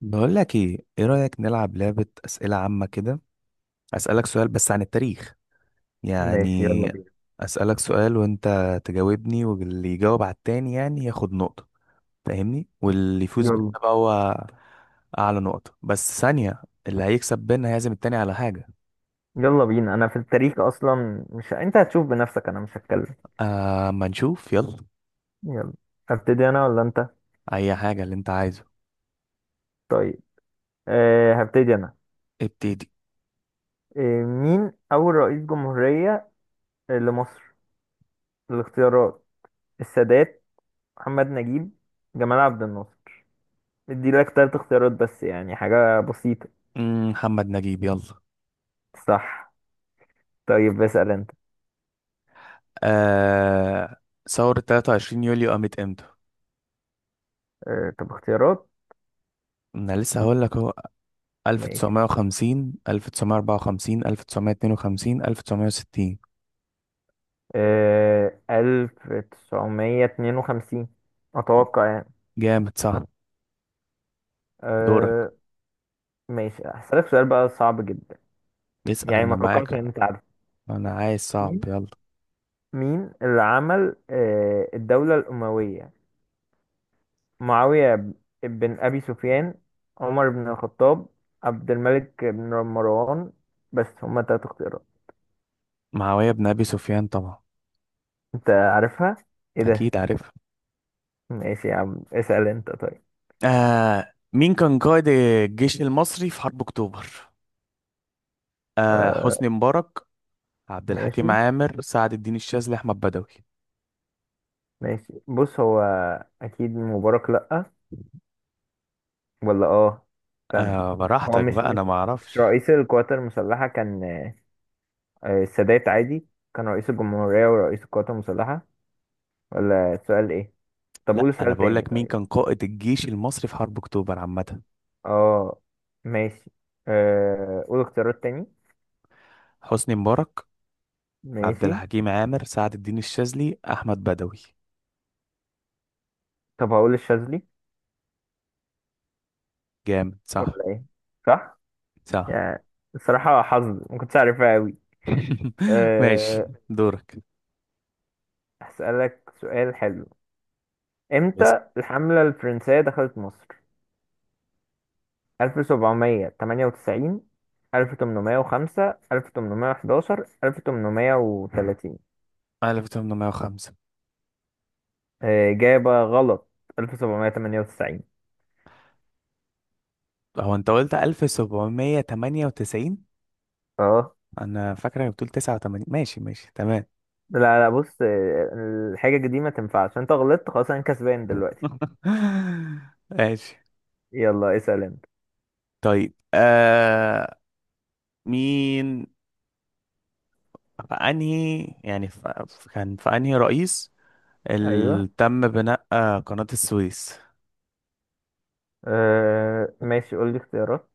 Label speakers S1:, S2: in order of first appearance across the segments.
S1: بقول لك ايه رأيك نلعب لعبة أسئلة عامة كده؟ أسألك سؤال بس عن التاريخ،
S2: ماشي يلا
S1: يعني
S2: بينا.
S1: أسألك سؤال وانت تجاوبني، واللي يجاوب على التاني يعني ياخد نقطة، فاهمني؟ واللي يفوز بينا
S2: يلا
S1: بقى هو أعلى نقطة. بس ثانية، اللي هيكسب بينا هيعزم التاني على حاجة.
S2: يلا بينا، انا في التاريخ اصلا، مش، انت هتشوف بنفسك، انا مش هتكلم.
S1: أما نشوف، يلا.
S2: يلا. هبتدي انا ولا انت؟
S1: أي حاجة اللي انت عايزه.
S2: طيب. هبتدي انا.
S1: ابتدي.
S2: مين اول رئيس جمهورية لمصر؟ الاختيارات: السادات، محمد نجيب، جمال عبد الناصر. ادي لك ثلاث اختيارات بس، يعني حاجة بسيطة.
S1: محمد نجيب، يلا.
S2: صح. طيب اسأل انت.
S1: آه... ثورة 23 يوليو قامت امتى؟
S2: طب اختيارات.
S1: أنا لسه هقول لك.
S2: ماشي.
S1: 1950، 1954، 1952، 1960.
S2: 1952 اتوقع يعني.
S1: جامد، صح. دورك.
S2: آه، ماشي. هسألك سؤال بقى صعب جدا.
S1: اسأل،
S2: يعني
S1: أنا
S2: ما
S1: معاك.
S2: توقعتش ان انت عارف.
S1: أنا عايز صعب،
S2: مين
S1: يلا.
S2: مين اللي عمل الدولة الأموية؟ معاوية بن أبي سفيان، عمر بن الخطاب، عبد الملك بن مروان. بس هما تلات اختيارات.
S1: معاوية بن أبي سفيان طبعا.
S2: انت عارفها؟ ايه
S1: أكيد
S2: ده.
S1: عارفها.
S2: ماشي يا عم، اسأل انت طيب.
S1: مين كان قائد الجيش المصري في حرب أكتوبر؟
S2: آه
S1: حسني مبارك، عبد الحكيم
S2: ماشي.
S1: عامر، سعد الدين الشاذلي، أحمد بدوي.
S2: ماشي بص، هو اكيد مبارك لأ. ولا اه؟ استنى. هو
S1: براحتك
S2: مش
S1: بقى، أنا
S2: مش
S1: ما
S2: مش
S1: أعرفش.
S2: رئيس القوات المسلحة كان؟ السادات عادي كان رئيس الجمهورية ورئيس القوات المسلحة. ولا السؤال ايه؟ طب
S1: لا،
S2: قول
S1: أنا
S2: سؤال
S1: بقول
S2: تاني
S1: لك مين
S2: طيب.
S1: كان قائد الجيش المصري في حرب أكتوبر عامة.
S2: اه. ماشي. قول اختيارات تاني.
S1: حسني مبارك، عبد
S2: ماشي.
S1: الحكيم عامر، سعد الدين الشاذلي، احمد بدوي.
S2: طب هقول الشاذلي.
S1: جامد، صح.
S2: ولا ايه؟ صح.
S1: صح.
S2: يعني الصراحة حظ، ما كنتش عارفها قوي.
S1: ماشي.
S2: أه
S1: دورك.
S2: هسألك سؤال حلو.
S1: اسأل.
S2: امتى الحملة الفرنسية دخلت مصر؟ 1798، 1805، 1811، 1830.
S1: 1805.
S2: إجابة غلط. 1798.
S1: هو انت قلت 1798؟
S2: اه.
S1: انا فاكره انك بتقول 89. ماشي ماشي، تمام.
S2: لا لا، بص الحاجة دي ما تنفعش، انت غلطت خلاص، انا كسبان دلوقتي.
S1: ماشي.
S2: يلا اسأل انت.
S1: طيب. مين في انهي، يعني في كان في انهي رئيس
S2: ايوه.
S1: اللي تم بناء قناة السويس؟
S2: ماشي، قول لي اختيارات.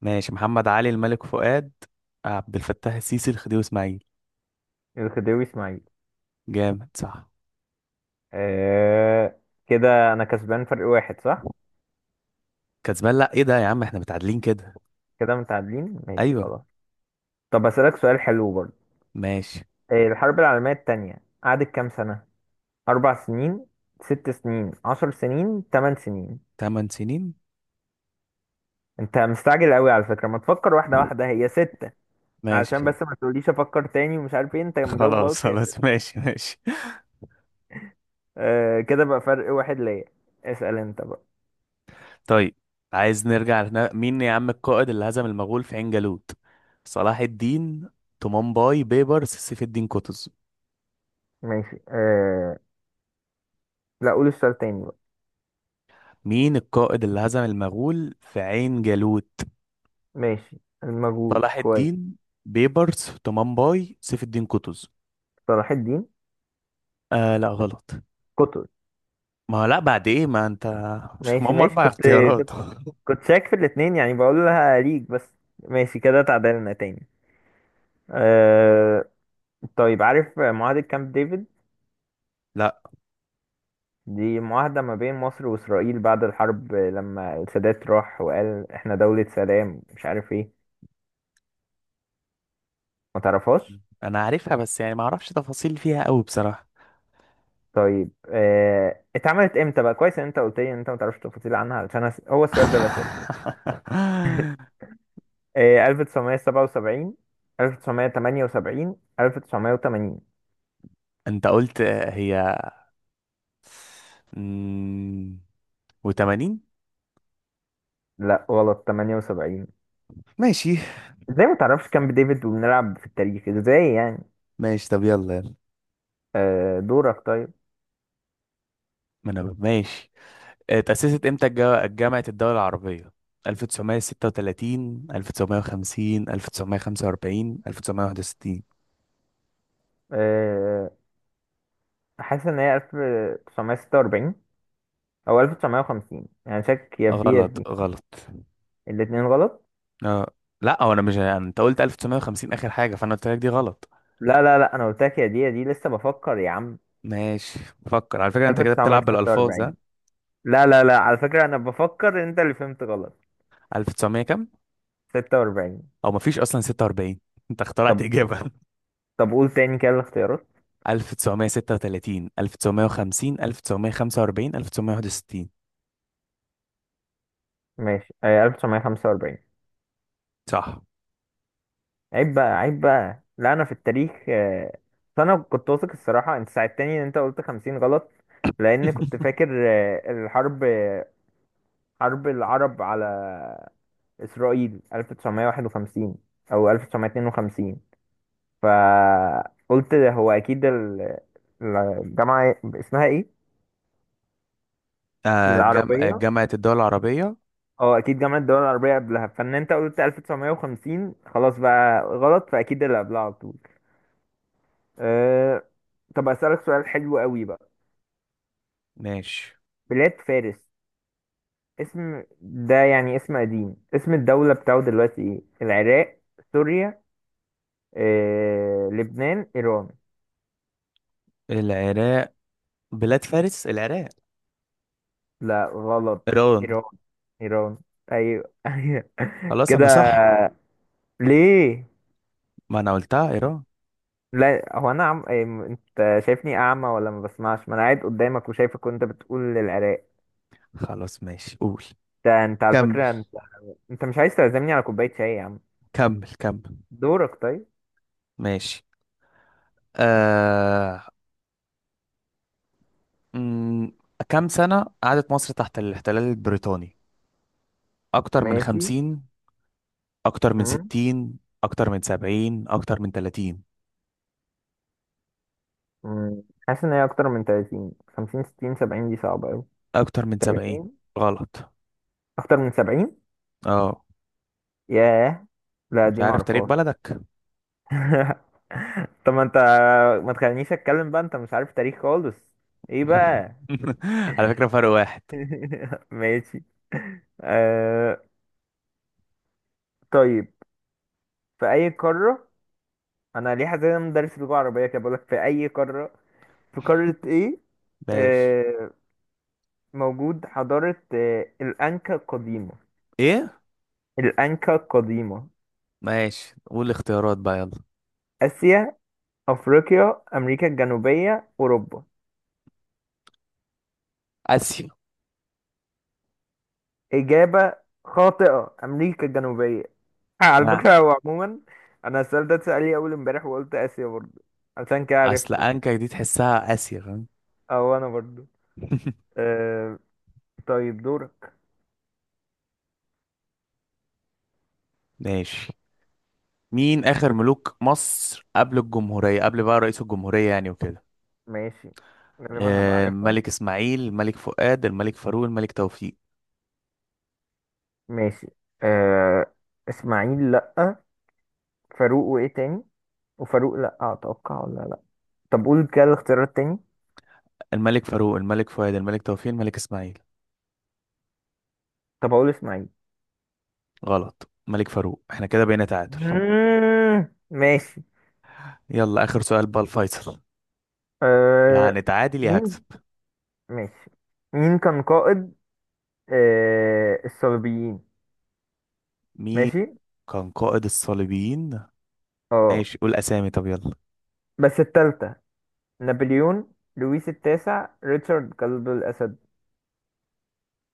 S1: ماشي. محمد علي، الملك فؤاد، عبد الفتاح السيسي، الخديوي اسماعيل.
S2: الخديوي اسماعيل.
S1: جامد، صح.
S2: آه كده انا كسبان فرق واحد، صح.
S1: كسبان؟ لا، ايه ده يا عم، احنا متعادلين كده.
S2: كده متعادلين، ماشي
S1: ايوه.
S2: خلاص. طب اسألك سؤال حلو برضه.
S1: ماشي.
S2: الحرب العالمية التانية قعدت كام سنة؟ 4 سنين، 6 سنين، 10 سنين، 8 سنين.
S1: تمن سنين.
S2: انت مستعجل قوي على فكرة، ما تفكر واحدة واحدة، هي ست. علشان
S1: ماشي،
S2: بس ما تقوليش افكر تاني ومش عارف ايه، انت مجاوب
S1: خلاص
S2: غلط يا اسف.
S1: خلاص. ماشي ماشي.
S2: كده بقى فرق واحد ليا، اسأل انت بقى.
S1: طيب، عايز نرجع لهنا. مين يا عم القائد اللي هزم المغول في عين جالوت؟ صلاح الدين، طمان باي، بيبر، سيف الدين قطز.
S2: ماشي. لا، قول السؤال تاني بقى.
S1: مين القائد اللي هزم المغول في عين جالوت؟
S2: ماشي، المغول
S1: صلاح
S2: كويس.
S1: الدين، بيبرس، طمان باي، سيف الدين قطز.
S2: صلاح الدين.
S1: لا، غلط.
S2: قطز.
S1: ما هو لا، بعد ايه، ما انت. مش
S2: ماشي
S1: هم
S2: ماشي،
S1: اربع اختيارات.
S2: كنت كنت شاك في الاتنين يعني بقول لها ليك بس. ماشي كده تعادلنا تاني. آه طيب، عارف معاهدة كامب ديفيد؟
S1: لا.
S2: دي معاهدة ما بين مصر وإسرائيل بعد الحرب، لما السادات راح وقال احنا دولة سلام مش عارف ايه. ما تعرفهاش؟
S1: انا عارفها، بس يعني ما اعرفش تفاصيل فيها قوي بصراحة.
S2: طيب، اتعملت امتى بقى؟ كويس ان انت قلت لي ان انت ما تعرفش تفاصيل عنها، علشان هو السؤال ده اللي اساله. 1977، 1978، 1980.
S1: انت قلت هي و80.
S2: لا غلط، 78.
S1: ماشي
S2: ازاي ما تعرفش كامب ديفيد وبنلعب في التاريخ، ازاي يعني.
S1: ماشي. طب يلا يلا.
S2: دورك طيب.
S1: ما انا ماشي. اتأسست امتى جامعة الدول العربية؟ 1936، 1950، 1945، 1961.
S2: آه، حاسس ان هي 1946 او 1950 يعني، شك يا في دي يا في
S1: غلط
S2: دي.
S1: غلط.
S2: الاتنين غلط؟
S1: اه. لا هو انا، مش انت قلت 1950 اخر حاجه، فانا قلت لك دي غلط.
S2: لا لا لا، انا قلت لك يا دي يا دي، لسه بفكر يا عم.
S1: ماشي، بفكر على فكره، انت كده بتلعب بالالفاظ،
S2: 1946.
S1: ها.
S2: لا لا لا، على فكرة أنا بفكر، أنت اللي فهمت غلط.
S1: 1900 كام؟
S2: 46.
S1: او مفيش اصلا 46. انت اخترعت
S2: طب
S1: اجابه.
S2: طب قول تاني كده الاختيارات.
S1: 1936، 1950، 1945، 1961.
S2: ماشي، 1945.
S1: صح.
S2: عيب بقى عيب بقى، لا أنا في التاريخ. بس أنا كنت واثق الصراحة، أنت ساعدتني إن أنت قلت خمسين غلط. لأن كنت فاكر الحرب حرب العرب على إسرائيل 1951 أو 1952، فقلت هو أكيد الجامعة اسمها إيه؟
S1: آه جم... آه،
S2: العربية.
S1: جامعه الدول العربيه.
S2: اه اكيد جامعة الدول العربية قبلها، فان انت قلت 1950 خلاص بقى غلط، فاكيد اللي قبلها على طول. أه... طب اسألك سؤال حلو قوي بقى.
S1: ماشي.
S2: بلاد فارس، اسم ده يعني اسم قديم، اسم الدولة بتاعه دلوقتي ايه؟ العراق، سوريا، لبنان، ايران.
S1: العراق. بلاد فارس، العراق.
S2: لا غلط،
S1: ايران.
S2: ايران. ايران. ايوه. ايوه.
S1: خلاص،
S2: كده؟
S1: انا صح.
S2: ليه؟
S1: ما انا قلتها ايران.
S2: لا، هو انا إيه، انت شايفني اعمى ولا ما بسمعش؟ ما انا قاعد قدامك وشايفك وانت بتقول العراق.
S1: خلاص ماشي، قول.
S2: ده انت على
S1: كمل.
S2: فكرة، انت مش عايز تعزمني على كوباية شاي يا عم.
S1: كمل كمل.
S2: دورك طيب.
S1: ماشي. آه... مم، كام سنة قعدت مصر تحت الاحتلال البريطاني؟ أكتر من
S2: ماشي.
S1: خمسين، أكتر من
S2: مم.
S1: ستين، أكتر من سبعين، أكتر من تلاتين.
S2: مم. حاسس ان هي اكتر من 30، 50، 60، 70، دي صعبة اوي.
S1: أكتر من سبعين.
S2: 30.
S1: غلط.
S2: اكتر من 70.
S1: اه.
S2: ياه، لا
S1: مش
S2: دي
S1: عارف تاريخ
S2: معرفهاش.
S1: بلدك.
S2: طب ما انت، ما تخلينيش اتكلم بقى، انت مش عارف تاريخ خالص. ايه بقى.
S1: على فكرة، فرق واحد.
S2: ماشي. آه... طيب، في اي قارة؟ انا ليه حاسس ان انا مدرس لغة عربية كده بقولك في اي قارة؟ في قارة ايه
S1: ماشي.
S2: آه، موجود حضارة الأنكا القديمة؟
S1: ايه.
S2: الأنكا القديمة.
S1: ماشي، قول الاختيارات بقى، يلا.
S2: آسيا، أفريقيا، أمريكا الجنوبية، أوروبا.
S1: اسيا.
S2: إجابة خاطئة، أمريكا الجنوبية. على
S1: لا.
S2: فكرة هو عموما أنا السؤال ده اتسأل لي أول امبارح وقلت آسيا برضه، عشان كده
S1: اصل
S2: عرفته.
S1: انكا دي تحسها اسيا، فاهم.
S2: أو أنا برضه. أه. طيب دورك.
S1: ماشي. مين اخر ملوك مصر قبل الجمهورية، قبل بقى رئيس الجمهورية يعني وكده؟
S2: ماشي. غالبا هبقى عارفها.
S1: الملك اسماعيل، الملك فؤاد، الملك فاروق، الملك توفيق.
S2: ماشي. أه إسماعيل لأ. فاروق وإيه تاني؟ وفاروق لأ أتوقع ولا لأ؟ طب قول كده الاختيارات تاني.
S1: الملك فاروق، الملك فؤاد، الملك توفيق، الملك اسماعيل.
S2: طب اقول اسماعيل.
S1: غلط، الملك فاروق. احنا كده بقينا تعادل.
S2: مم، ماشي.
S1: يلا، اخر سؤال بقى، الفيصل.
S2: أه
S1: يعني تعادل يا هكسب.
S2: مين. ماشي. مين كان قائد الصليبيين؟
S1: مين
S2: ماشي.
S1: كان قائد الصليبيين؟
S2: اه
S1: ماشي، قول اسامي طب، يلا.
S2: بس التالتة. نابليون، لويس التاسع، ريتشارد قلب الأسد.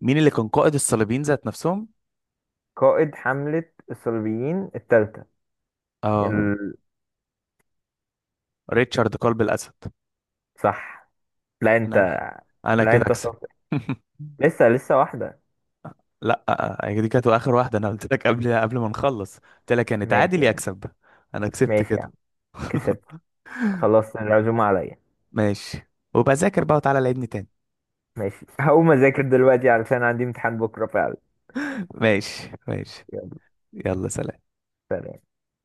S1: مين اللي كان قائد الصليبيين ذات نفسهم؟
S2: قائد حملة الصليبيين التالتة.
S1: اه.
S2: ال...
S1: ريتشارد قلب الاسد.
S2: صح. لا انت.
S1: انا انا
S2: لا
S1: كده
S2: انت
S1: اكسب.
S2: شاطر. لسه واحدة.
S1: لا، دي كانت اخر واحده، انا قلت لك قبل ما نخلص، قلت لك يعني
S2: ماشي
S1: تعادل
S2: يا
S1: يا
S2: عم.
S1: اكسب. انا كسبت
S2: ماشي يا عم.
S1: كده.
S2: كسبت. خلاص العزومة عليا.
S1: ماشي. وبذاكر بقى، وتعالى لعبني تاني.
S2: ماشي هقوم اذاكر دلوقتي علشان عندي امتحان بكرة.
S1: ماشي ماشي،
S2: فعلا.
S1: يلا سلام.
S2: سلام.